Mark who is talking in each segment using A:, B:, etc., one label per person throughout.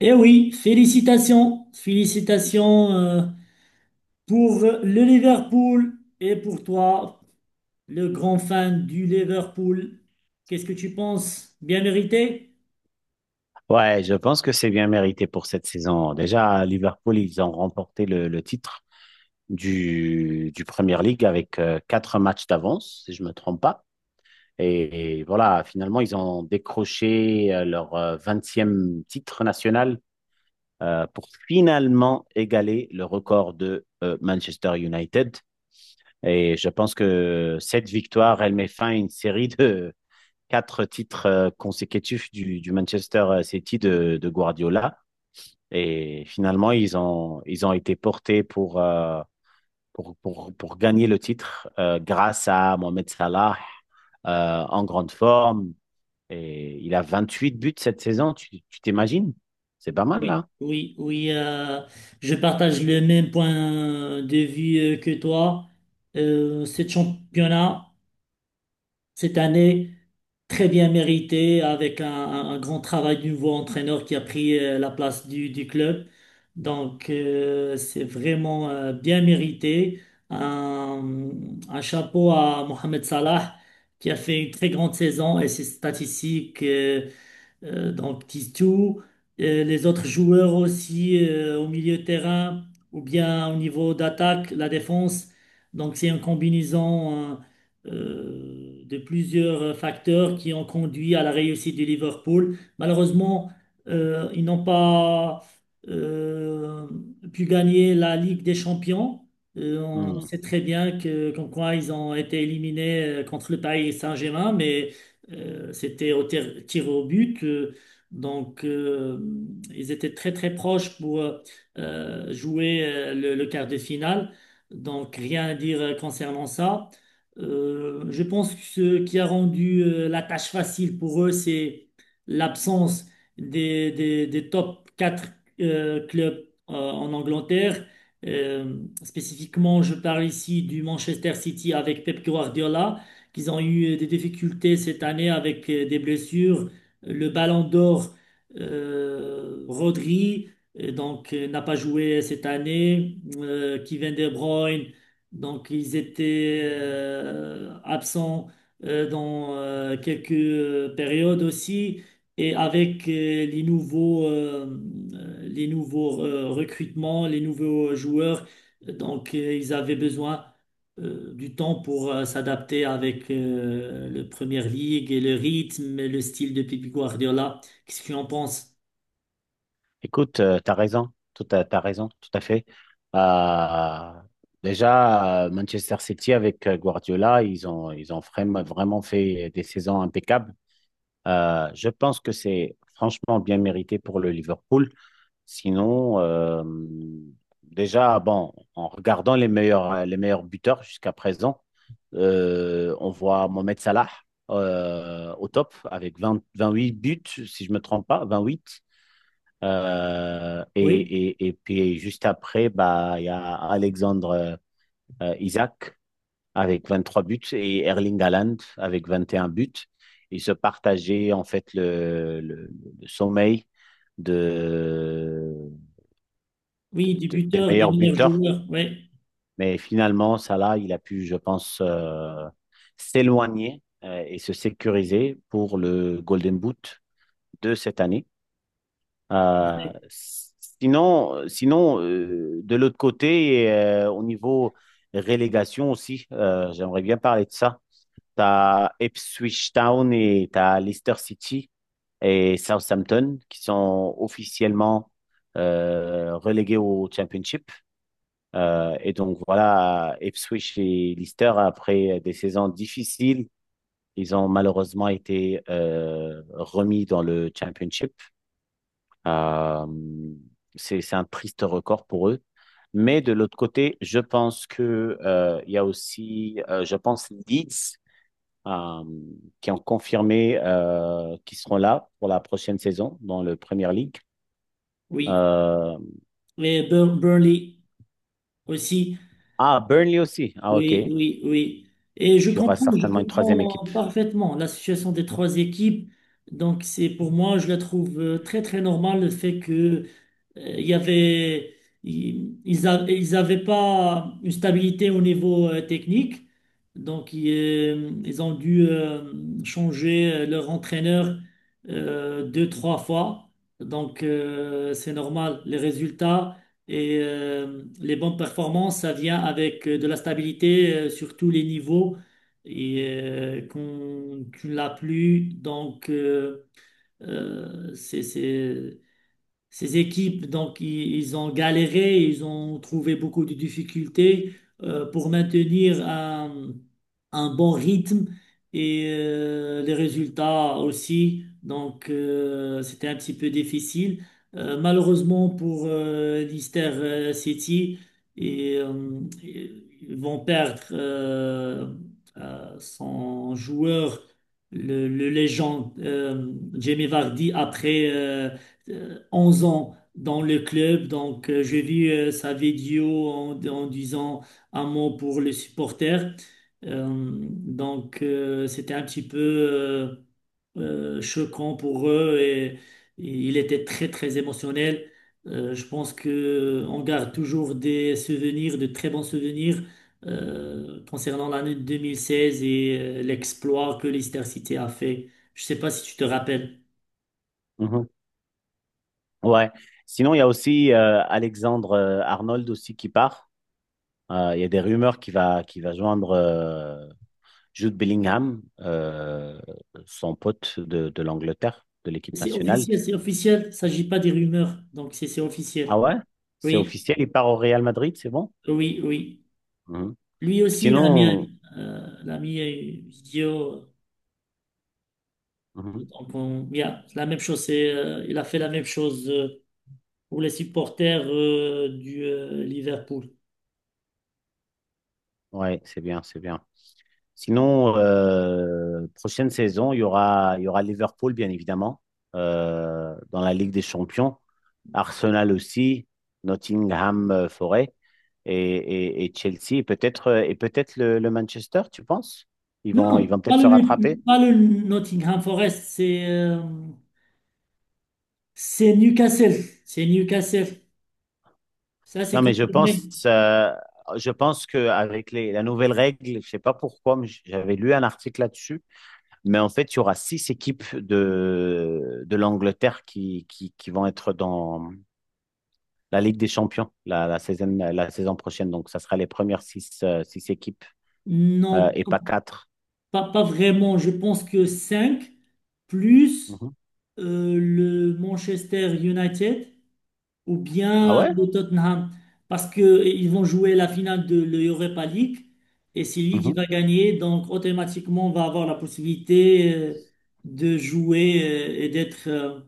A: Eh oui, félicitations, félicitations pour le Liverpool et pour toi, le grand fan du Liverpool. Qu'est-ce que tu penses? Bien mérité?
B: Ouais, je pense que c'est bien mérité pour cette saison. Déjà, Liverpool, ils ont remporté le titre du Premier League avec quatre matchs d'avance, si je me trompe pas. Et voilà, finalement, ils ont décroché leur 20e titre national pour finalement égaler le record de Manchester United. Et je pense que cette victoire, elle met fin à une série de quatre titres consécutifs du Manchester City de Guardiola. Et finalement, ils ont été portés pour, pour gagner le titre grâce à Mohamed Salah en grande forme. Et il a 28 buts cette saison, tu t'imagines? C'est pas mal,
A: Oui,
B: là.
A: oui, oui, je partage le même point de vue que toi. Ce championnat. Cette année, très bien méritée, avec un grand travail du nouveau entraîneur qui a pris la place du club. C'est vraiment bien mérité. Un, un chapeau à Mohamed Salah qui a fait une très grande saison et ses statistiques donc Tistou, les autres joueurs aussi au milieu de terrain ou bien au niveau d'attaque, la défense. Donc c'est une combinaison de plusieurs facteurs qui ont conduit à la réussite du Liverpool. Malheureusement, ils n'ont pas euh, pu gagner la Ligue des Champions. On
B: Hmm.
A: sait très bien que, comme quoi ils ont été éliminés contre le Paris Saint-Germain, mais c'était au tir au but. Donc, euh, Ils étaient très, très proches pour jouer le quart de finale. Donc, rien à dire concernant ça. Je pense que ce qui a rendu la tâche facile pour eux, c'est l'absence des top 4 clubs en Angleterre. Spécifiquement, je parle ici du Manchester City avec Pep Guardiola qu'ils ont eu des difficultés cette année avec des blessures. Le Ballon d'Or, Rodri, n'a pas joué cette année. Kevin De Bruyne, donc ils étaient absents dans quelques périodes aussi. Et avec les nouveaux recrutements, les nouveaux joueurs, ils avaient besoin du temps pour s'adapter avec le Premier League et le rythme et le style de Pep Guardiola. Qu'est-ce que tu en penses?
B: Écoute, t'as raison, tout à fait. Euh, déjà, Manchester City avec Guardiola, ils ont vraiment, vraiment fait des saisons impeccables. Je pense que c'est franchement bien mérité pour le Liverpool. Sinon, déjà, bon, en regardant les meilleurs buteurs jusqu'à présent, on voit Mohamed Salah au top avec vingt vingt huit buts, si je ne me trompe pas, 28. Euh, et,
A: Oui,
B: et puis juste après, bah, il y a Alexandre Isaac avec 23 buts et Erling Haaland avec 21 buts. Ils se partageaient en fait le sommeil de
A: oui, des
B: tes
A: buteurs, des
B: meilleurs
A: meilleurs
B: buteurs.
A: joueurs, ouais,
B: Mais finalement, Salah, il a pu, je pense, s'éloigner et se sécuriser pour le Golden Boot de cette année. Euh, sinon de l'autre côté, au niveau relégation aussi, j'aimerais bien parler de ça. Tu as Ipswich Town et tu as Leicester City et Southampton qui sont officiellement relégués au Championship. Et donc voilà, Ipswich et Leicester, après des saisons difficiles, ils ont malheureusement été remis dans le Championship. Euh, c'est un triste record pour eux. Mais de l'autre côté, je pense que il y a aussi, je pense, Leeds euh, qui ont confirmé qu'ils seront là pour la prochaine saison dans le Premier League.
A: oui.
B: Euh,
A: Et Burley aussi,
B: ah, Burnley aussi. Ah, ok.
A: oui,
B: Il
A: oui, oui. Et
B: y aura
A: je
B: certainement une troisième équipe.
A: comprends parfaitement la situation des trois équipes. Donc c'est pour moi, je la trouve très très normale le fait que... Il y avait, ils ils a- ils avaient pas une stabilité au niveau technique, donc ils ont dû changer leur entraîneur deux, trois fois. C'est normal, les résultats et les bonnes performances, ça vient avec de la stabilité sur tous les niveaux et qu'on, tu ne l'as plus, c'est ces équipes, donc, ils ont galéré, ils ont trouvé beaucoup de difficultés pour maintenir un bon rythme et les résultats aussi. C'était un petit peu difficile. Malheureusement pour Leicester City, ils vont perdre son joueur, le légende Jamie Vardy, après 11 ans dans le club. J'ai vu sa vidéo en, en disant un mot pour les supporters. C'était un petit peu choquant pour eux et il était très, très émotionnel. Je pense que on garde toujours des souvenirs, de très bons souvenirs concernant l'année 2016 et l'exploit que Leicester City a fait. Je sais pas si tu te rappelles.
B: Mhm. Ouais. Sinon, il y a aussi Alexandre Arnold aussi qui part. Il y a des rumeurs qui va joindre Jude Bellingham, son pote de l'Angleterre, de l'équipe
A: C'est
B: nationale.
A: officiel, c'est officiel. Il ne s'agit pas des rumeurs. Donc, c'est
B: Ah
A: officiel.
B: ouais? C'est
A: Oui,
B: officiel, il part au Real Madrid, c'est bon?
A: oui, oui.
B: Mhm.
A: Lui aussi, il a mis,
B: Sinon,
A: il a mis une vidéo.
B: mhm.
A: Donc, yeah, c'est la même chose. Il a fait la même chose pour les supporters du Liverpool.
B: Ouais, c'est bien, c'est bien. Sinon, prochaine saison, il y aura Liverpool, bien évidemment, dans la Ligue des Champions. Arsenal aussi, Nottingham Forest, et, et Chelsea et peut-être le Manchester, tu penses?
A: Non, non,
B: Ils vont peut-être se rattraper.
A: pas le Nottingham Forest. C'est Newcastle. C'est Newcastle. Ça, c'est
B: Non, mais
A: confirmé.
B: je pense que avec la nouvelle règle, je sais pas pourquoi, mais j'avais lu un article là-dessus, mais en fait, il y aura six équipes de l'Angleterre qui vont être dans la Ligue des Champions la saison prochaine. Donc, ça sera les premières six six équipes
A: Non,
B: et pas quatre.
A: pas vraiment. Je pense que 5 plus.
B: Mhm.
A: Le Manchester United ou
B: Ah
A: bien
B: ouais?
A: le Tottenham parce qu'ils vont jouer la finale de l'Europa League et c'est lui qui
B: Mhm.
A: va gagner. Donc, automatiquement, on va avoir la possibilité de jouer d'être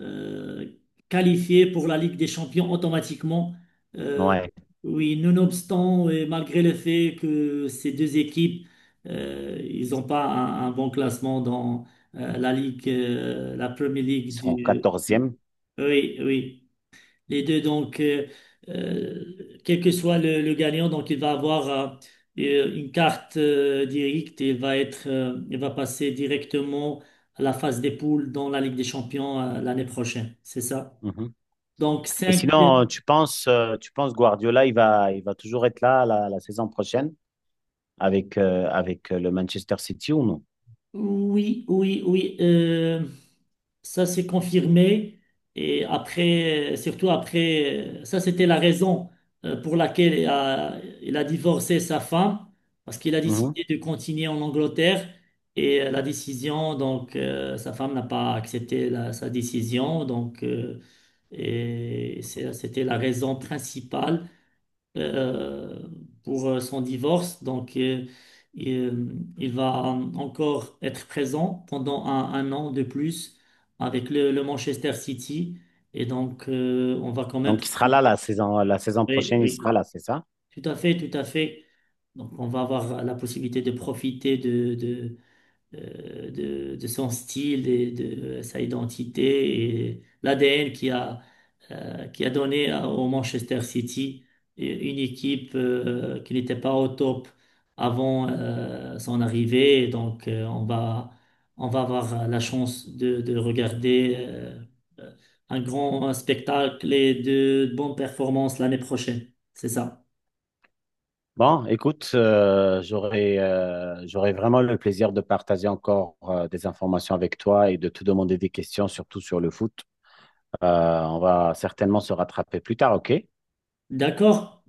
A: euh, qualifiés pour la Ligue des Champions automatiquement. Euh,
B: Ouais.
A: oui, nonobstant et malgré le fait que ces deux équipes, ils n'ont pas un bon classement dans la Premier League
B: Ils sont
A: du... Oui,
B: 14e.
A: oui. Oui. Les deux, quel que soit le gagnant, donc il va avoir une carte directe et va être, il va passer directement à la phase des poules dans la Ligue des Champions l'année prochaine. C'est ça. Donc,
B: Et
A: cinq.
B: sinon, tu penses Guardiola, il va toujours être là la saison prochaine avec, le Manchester City ou non?
A: Oui, oui, oui. Ça s'est confirmé et après, surtout après, ça c'était la raison pour laquelle il a divorcé sa femme, parce qu'il a
B: Mhm.
A: décidé de continuer en Angleterre et la décision, sa femme n'a pas accepté sa décision, c'était la raison principale euh, pour son divorce. Il va encore être présent pendant un an de plus avec le Manchester City. Et donc, on va quand même...
B: Donc, il sera là la saison
A: Oui,
B: prochaine, il sera
A: oui,
B: là, c'est ça?
A: tout à fait, tout à fait. Donc, on va avoir la possibilité de profiter de son style et de sa identité et l'ADN qui a donné au Manchester City une équipe qui n'était pas au top avant son arrivée. Donc, on va avoir la chance de regarder un grand spectacle et de bonnes performances l'année prochaine. C'est ça.
B: Bon, écoute, j'aurais vraiment le plaisir de partager encore des informations avec toi et de te demander des questions, surtout sur le foot. Euh, on va certainement se rattraper plus tard, OK?
A: D'accord?